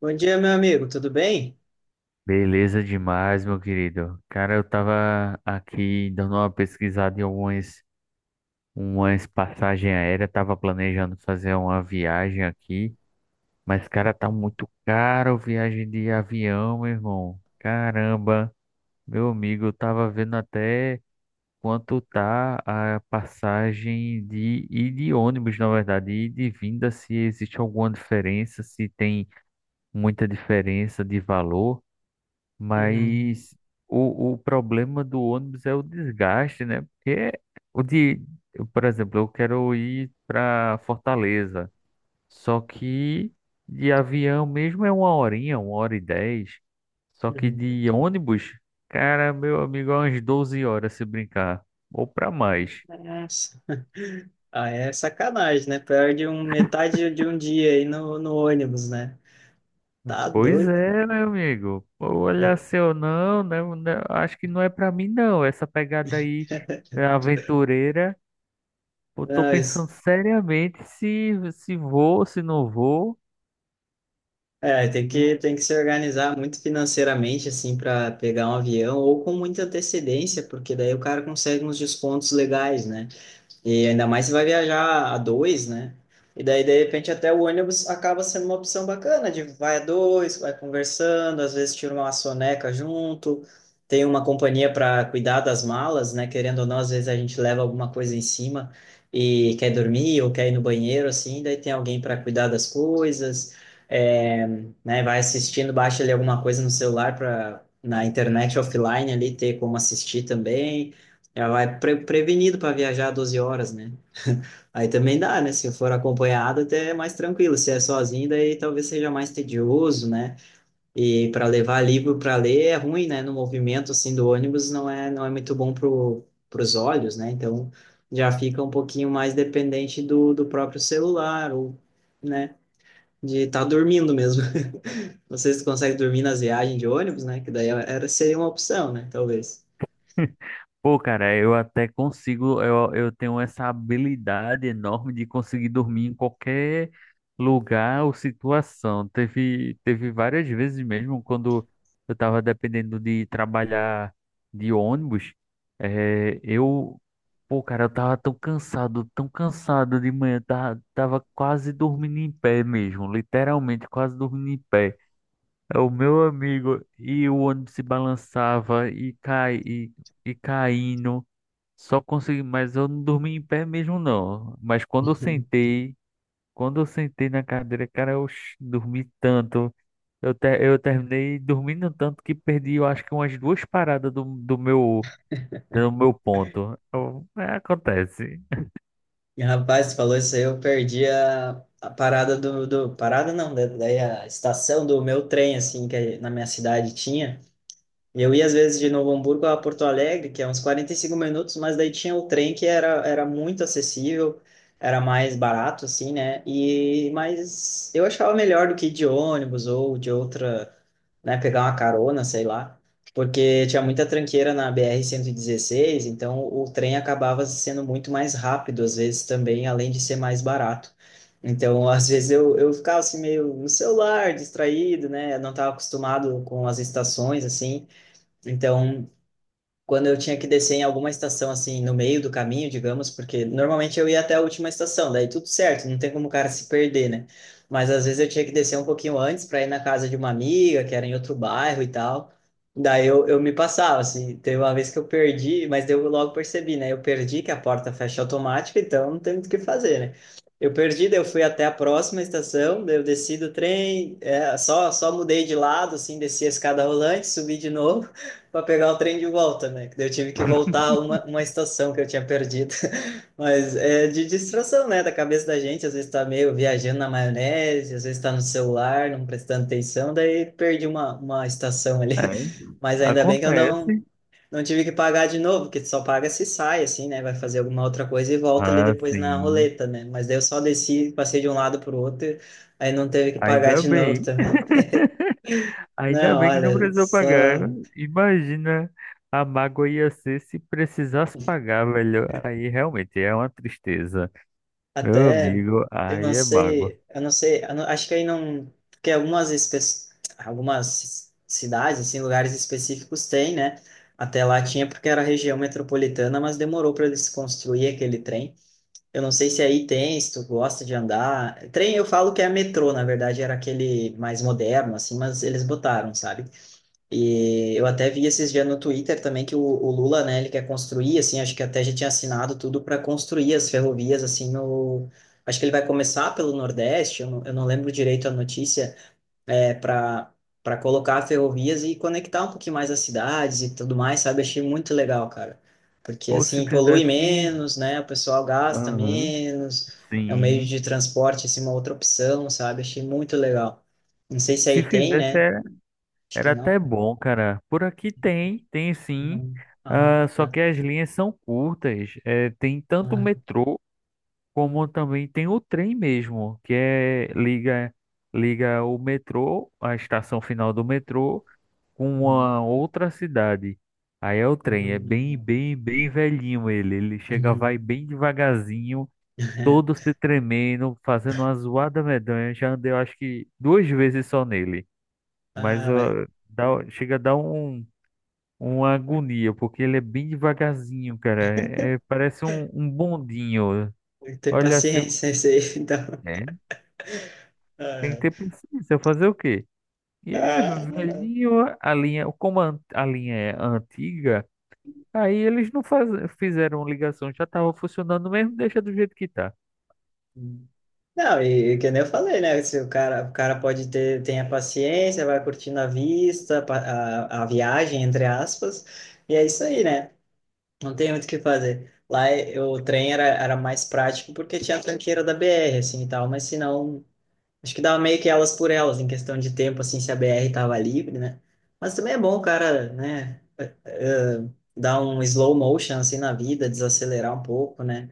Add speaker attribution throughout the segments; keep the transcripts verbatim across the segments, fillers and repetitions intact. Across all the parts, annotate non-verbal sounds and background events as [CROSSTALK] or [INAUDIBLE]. Speaker 1: Bom dia, meu amigo, tudo bem?
Speaker 2: Beleza demais, meu querido. Cara, eu tava aqui dando uma pesquisada em algumas umas passagens aéreas, tava planejando fazer uma viagem aqui, mas cara, tá muito caro viagem de avião, meu irmão. Caramba, meu amigo, eu tava vendo até quanto tá a passagem de e de ônibus, na verdade, e de vinda, se existe alguma diferença, se tem muita diferença de valor.
Speaker 1: Uhum,
Speaker 2: Mas o, o problema do ônibus é o desgaste, né? Porque o de, eu, por exemplo, eu quero ir para Fortaleza, só que de avião mesmo é uma horinha, uma hora e dez. Só que
Speaker 1: uhum.
Speaker 2: de ônibus, cara, meu amigo, é umas doze horas se brincar, ou para mais.
Speaker 1: Nossa. [LAUGHS] Ah, é sacanagem, né? Perde um, metade de um dia aí no, no ônibus, né? Tá
Speaker 2: Pois
Speaker 1: doido.
Speaker 2: é, meu amigo. Olha,
Speaker 1: É,
Speaker 2: seu, não, né? né, Acho que não é para mim, não. Essa pegada aí é aventureira. Eu tô pensando
Speaker 1: mas,
Speaker 2: seriamente se, se vou, se não vou.
Speaker 1: é, tem
Speaker 2: De...
Speaker 1: que, tem que se organizar muito financeiramente, assim, para pegar um avião ou com muita antecedência, porque daí o cara consegue uns descontos legais, né? E ainda mais se vai viajar a dois, né? E daí, de repente, até o ônibus acaba sendo uma opção bacana, de vai a dois, vai conversando, às vezes tira uma soneca junto, tem uma companhia para cuidar das malas, né? Querendo ou não, às vezes a gente leva alguma coisa em cima e quer dormir ou quer ir no banheiro, assim, daí tem alguém para cuidar das coisas, é, né? Vai assistindo, baixa ali alguma coisa no celular para na internet offline ali ter como assistir também. Já vai pre- prevenido para viajar doze horas, né? Aí também dá, né? Se for acompanhado, até é mais tranquilo. Se é sozinho, daí talvez seja mais tedioso, né? E para levar livro para ler é ruim, né? No movimento assim do ônibus não é não é muito bom pro, pros olhos, né? Então já fica um pouquinho mais dependente do, do próprio celular ou, né? De estar dormindo mesmo. [LAUGHS] Não sei se tu consegue dormir nas viagens de ônibus, né? Que daí é, era seria uma opção, né? Talvez.
Speaker 2: [LAUGHS] Pô, cara, eu até consigo, eu, eu tenho essa habilidade enorme de conseguir dormir em qualquer lugar ou situação. Teve, teve várias vezes mesmo quando eu tava dependendo de trabalhar de ônibus, eh, eu, pô, cara, eu tava tão cansado, tão cansado de manhã, tava, tava quase dormindo em pé mesmo, literalmente quase dormindo em pé. É, o meu amigo, e o ônibus se balançava e cai e, e caindo. Só consegui, mas eu não dormi em pé mesmo, não. Mas quando eu
Speaker 1: [LAUGHS]
Speaker 2: sentei, quando eu sentei na cadeira, cara, eu ch- dormi tanto. Eu, ter, eu terminei dormindo tanto que perdi, eu acho que umas duas paradas do, do meu do meu ponto. Eu- é, acontece.
Speaker 1: E, rapaz, tu falou isso aí, eu perdi a, a parada do, do... Parada não, da- daí a estação do meu trem, assim, que na minha cidade tinha. E eu ia às vezes de Novo Hamburgo a Porto Alegre, que é uns quarenta e cinco minutos, mas daí tinha o trem que era, era muito acessível, era mais barato, assim, né? E, mas eu achava melhor do que ir de ônibus ou de outra, né, pegar uma carona, sei lá, porque tinha muita tranqueira na B R cento e dezesseis, então o trem acabava sendo muito mais rápido, às vezes também, além de ser mais barato. Então, [LAUGHS] às vezes eu, eu, ficava assim meio no celular, distraído, né? Eu não estava acostumado com as estações, assim. Então, quando eu tinha que descer em alguma estação, assim, no meio do caminho, digamos, porque normalmente eu ia até a última estação, daí tudo certo, não tem como o cara se perder, né? Mas às vezes eu tinha que descer um pouquinho antes para ir na casa de uma amiga, que era em outro bairro e tal. Daí eu, eu me passava, assim, teve uma vez que eu perdi, mas daí eu logo percebi, né? Eu perdi que a porta fecha automática, então não tem muito o que fazer, né? Eu perdi, daí eu fui até a próxima estação, daí eu desci do trem, é, só, só mudei de lado, assim, desci a escada rolante, subi de novo para pegar o trem de volta, né? Que daí Eu tive que voltar uma,
Speaker 2: [LAUGHS]
Speaker 1: uma estação que eu tinha perdido. [LAUGHS] Mas é de distração, né? Da cabeça da gente, às vezes tá meio viajando na maionese, às vezes tá no celular, não prestando atenção, daí perdi uma, uma estação ali.
Speaker 2: É,
Speaker 1: [LAUGHS] Mas ainda bem que eu não,
Speaker 2: acontece.
Speaker 1: não tive que pagar de novo, porque só paga se sai, assim, né? Vai fazer alguma outra coisa e volta ali
Speaker 2: Ah,
Speaker 1: depois na
Speaker 2: sim.
Speaker 1: roleta, né? Mas daí eu só desci, passei de um lado pro outro, aí não teve que pagar
Speaker 2: Ainda
Speaker 1: de [LAUGHS] novo
Speaker 2: bem.
Speaker 1: também.
Speaker 2: [LAUGHS] Ainda
Speaker 1: Não,
Speaker 2: bem que não
Speaker 1: olha,
Speaker 2: precisou pagar.
Speaker 1: só.
Speaker 2: Imagina a mágoa ia ser se precisasse pagar, velho. Aí realmente é uma tristeza. Meu
Speaker 1: Até,
Speaker 2: amigo,
Speaker 1: eu não
Speaker 2: aí é mágoa.
Speaker 1: sei, eu não sei, eu não- acho que aí não, porque algumas espe- algumas cidades, assim, lugares específicos tem, né? Até lá tinha porque era região metropolitana, mas demorou para eles construir aquele trem. Eu não sei se aí tem, se tu gosta de andar. Trem eu falo que é metrô, na verdade era aquele mais moderno, assim, mas eles botaram, sabe? E eu até vi esses dias no Twitter também que o, o Lula, né, ele quer construir, assim, acho que até já tinha assinado tudo para construir as ferrovias, assim, no... Acho que ele vai começar pelo Nordeste, eu não, eu não lembro direito a notícia, é, para para colocar ferrovias e conectar um pouquinho mais as cidades e tudo mais, sabe? Achei muito legal, cara. Porque,
Speaker 2: Pô, se
Speaker 1: assim, polui
Speaker 2: fizesse.
Speaker 1: menos, né, o pessoal gasta
Speaker 2: Aham.
Speaker 1: menos, é um meio
Speaker 2: Sim.
Speaker 1: de transporte, assim, uma outra opção, sabe? Achei muito legal. Não sei se
Speaker 2: Se
Speaker 1: aí tem,
Speaker 2: fizesse,
Speaker 1: né?
Speaker 2: era,
Speaker 1: Acho que
Speaker 2: era
Speaker 1: não.
Speaker 2: até bom, cara. Por aqui tem, tem sim.
Speaker 1: Uhum.
Speaker 2: Ah,
Speaker 1: Ah,
Speaker 2: só que
Speaker 1: tá.
Speaker 2: as linhas são curtas. É, tem tanto o
Speaker 1: Ah,
Speaker 2: metrô como também tem o trem mesmo, que é liga liga o metrô, a estação final do metrô com
Speaker 1: uhum.
Speaker 2: uma outra cidade. Aí é o trem, é bem,
Speaker 1: Uhum.
Speaker 2: bem, bem velhinho ele. Ele chega, vai
Speaker 1: Uhum.
Speaker 2: bem devagarzinho, todo
Speaker 1: [LAUGHS]
Speaker 2: se tremendo, fazendo uma zoada medonha. Já andei, eu acho que duas vezes só nele. Mas
Speaker 1: Ah, mas
Speaker 2: ó, dá- chega a dar um, uma agonia, porque ele é bem devagarzinho, cara. É, parece um, um bondinho.
Speaker 1: tem que ter
Speaker 2: Olha assim,
Speaker 1: paciência isso aí, [LAUGHS] então.
Speaker 2: é, tem que
Speaker 1: Ah,
Speaker 2: ter paciência, fazer o quê? E é
Speaker 1: ah. Ah.
Speaker 2: velhinho a linha, como a, a linha é antiga. Aí eles não faz... fizeram ligação, já tava funcionando mesmo, deixa do jeito que tá.
Speaker 1: Não, e e que nem eu falei, né? Se o cara, o cara pode ter, tem a paciência, vai curtindo a vista, pa- a, a viagem, entre aspas, e é isso aí, né? Não tem muito o que fazer. Lá, eh, o trem era, era mais prático porque tinha a tranqueira da B R, assim, e tal, mas se não, acho que dava meio que elas por elas, em questão de tempo, assim, se a B R tava livre, né? Mas também é bom o cara, né, eh, dar um slow motion, assim, na vida, desacelerar um pouco, né?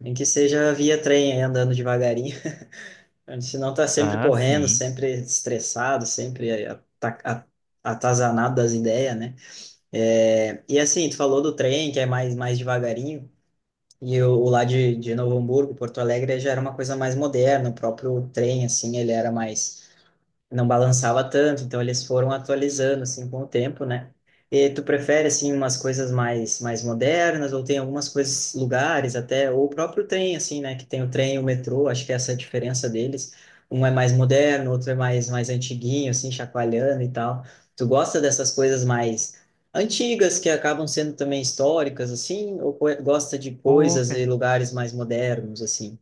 Speaker 1: Nem que seja via trem, aí, andando devagarinho. [LAUGHS] Senão tá sempre
Speaker 2: Ah, Ah,
Speaker 1: correndo,
Speaker 2: sim,
Speaker 1: sempre
Speaker 2: entendi.
Speaker 1: estressado, sempre ata- a- atazanado das ideias, né? É, e assim, tu falou do trem, que é mais, mais devagarinho, e o, o lá de, de Novo Hamburgo, Porto Alegre, já era uma coisa mais moderna, o próprio trem, assim, ele era mais, não balançava tanto, então eles foram atualizando assim com o tempo, né? E tu prefere assim umas coisas mais mais modernas ou tem algumas coisas, lugares até ou o próprio trem assim, né, que tem o trem e o metrô, acho que essa é a diferença deles. Um é mais moderno, outro é mais mais antiguinho assim, chacoalhando e tal. Tu gosta dessas coisas mais antigas que acabam sendo também históricas assim, ou co- gosta de
Speaker 2: Pô,
Speaker 1: coisas e
Speaker 2: cara,
Speaker 1: lugares mais modernos assim?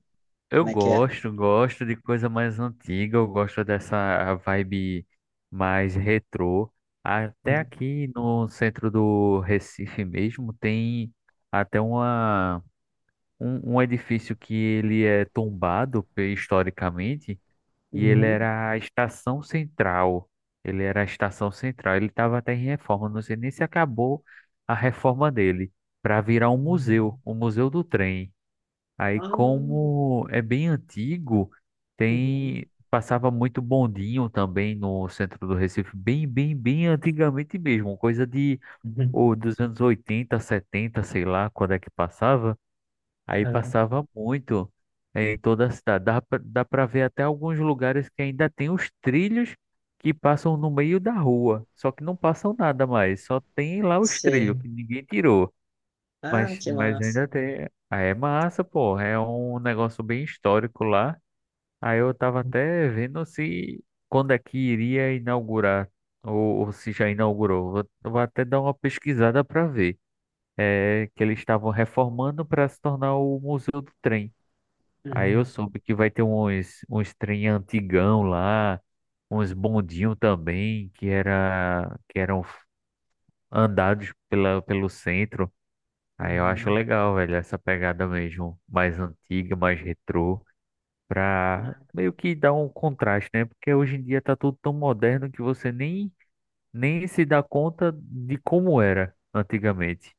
Speaker 2: eu
Speaker 1: Como é que é?
Speaker 2: gosto, gosto de coisa mais antiga, eu gosto dessa vibe mais retrô. Até aqui no centro do Recife mesmo tem até uma, um, um edifício que ele é tombado pe- historicamente. E ele
Speaker 1: Uhum.
Speaker 2: era a estação central. Ele era a estação central. Ele estava até em reforma. Não sei nem se acabou a reforma dele para virar um museu,
Speaker 1: Uhum.
Speaker 2: o Museu do Trem. Aí,
Speaker 1: Ah.
Speaker 2: como é bem antigo,
Speaker 1: Uhum.
Speaker 2: tem passava muito bondinho também no centro do Recife, bem, bem, bem antigamente mesmo, coisa de
Speaker 1: Uhum.
Speaker 2: ou dos anos oitenta, setenta, sei lá, quando é que passava. Aí
Speaker 1: Aham.
Speaker 2: passava muito em toda a cidade. Dá pra, dá pra ver até alguns lugares que ainda tem os trilhos que passam no meio da rua. Só que não passam nada mais. Só tem lá os trilhos
Speaker 1: Sei.
Speaker 2: que ninguém tirou.
Speaker 1: Ah,
Speaker 2: Mas,
Speaker 1: que
Speaker 2: mas
Speaker 1: massa.
Speaker 2: ainda tem. Ah, é massa, pô. É um negócio bem histórico lá. Aí eu tava até vendo se quando é que iria inaugurar. Ou, ou se já inaugurou. Vou, vou até dar uma pesquisada pra ver. É que eles estavam reformando para se tornar o Museu do Trem. Aí eu
Speaker 1: Uhum.
Speaker 2: soube que vai ter uns, uns trem antigão lá, uns bondinhos também, que era, que eram andados pela, pelo centro. Aí eu acho
Speaker 1: Uhum.
Speaker 2: legal, velho, essa pegada mesmo, mais antiga, mais retrô, pra
Speaker 1: Ah.
Speaker 2: meio que dar um contraste, né? Porque hoje em dia tá tudo tão moderno que você nem, nem se dá conta de como era antigamente.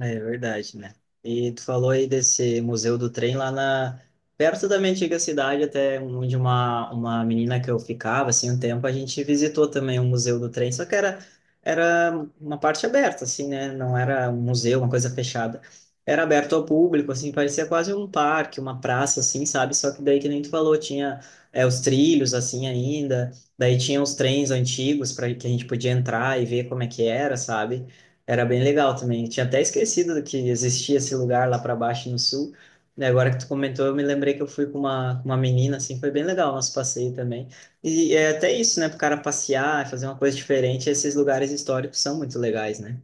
Speaker 1: É verdade, né? E tu falou aí desse Museu do Trem. Lá na, perto da minha antiga cidade, até onde uma, uma, menina que eu ficava, assim, um tempo, a gente visitou também o Museu do Trem, só que era, era uma parte aberta, assim, né? Não era um museu, uma coisa fechada. Era aberto ao público, assim, parecia quase um parque, uma praça, assim, sabe? Só que daí, que nem tu falou, tinha é, os trilhos, assim, ainda, daí tinha os trens antigos para que a gente podia entrar e ver como é que era, sabe? Era bem legal também. Eu tinha até esquecido que existia esse lugar lá para baixo no sul. E agora que tu comentou, eu me lembrei que eu fui com uma, com uma menina, assim, foi bem legal o nosso passeio também. E é até isso, né? Pro cara passear, fazer uma coisa diferente, esses lugares históricos são muito legais, né?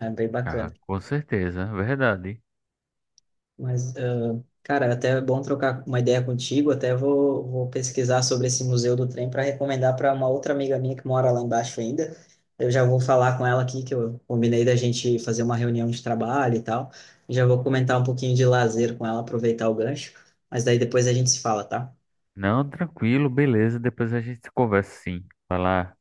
Speaker 1: É bem
Speaker 2: Ah,
Speaker 1: bacana.
Speaker 2: com certeza, verdade.
Speaker 1: Mas, ah, cara, até é bom trocar uma ideia contigo. Até vou, vou pesquisar sobre esse Museu do Trem para recomendar para uma outra amiga minha que mora lá embaixo ainda. Eu já vou falar com ela aqui, que eu combinei da gente fazer uma reunião de trabalho e tal. Já vou comentar um pouquinho de lazer com ela, aproveitar o gancho. Mas daí depois a gente se fala, tá?
Speaker 2: Não, tranquilo, beleza. Depois a gente conversa, sim. Falar.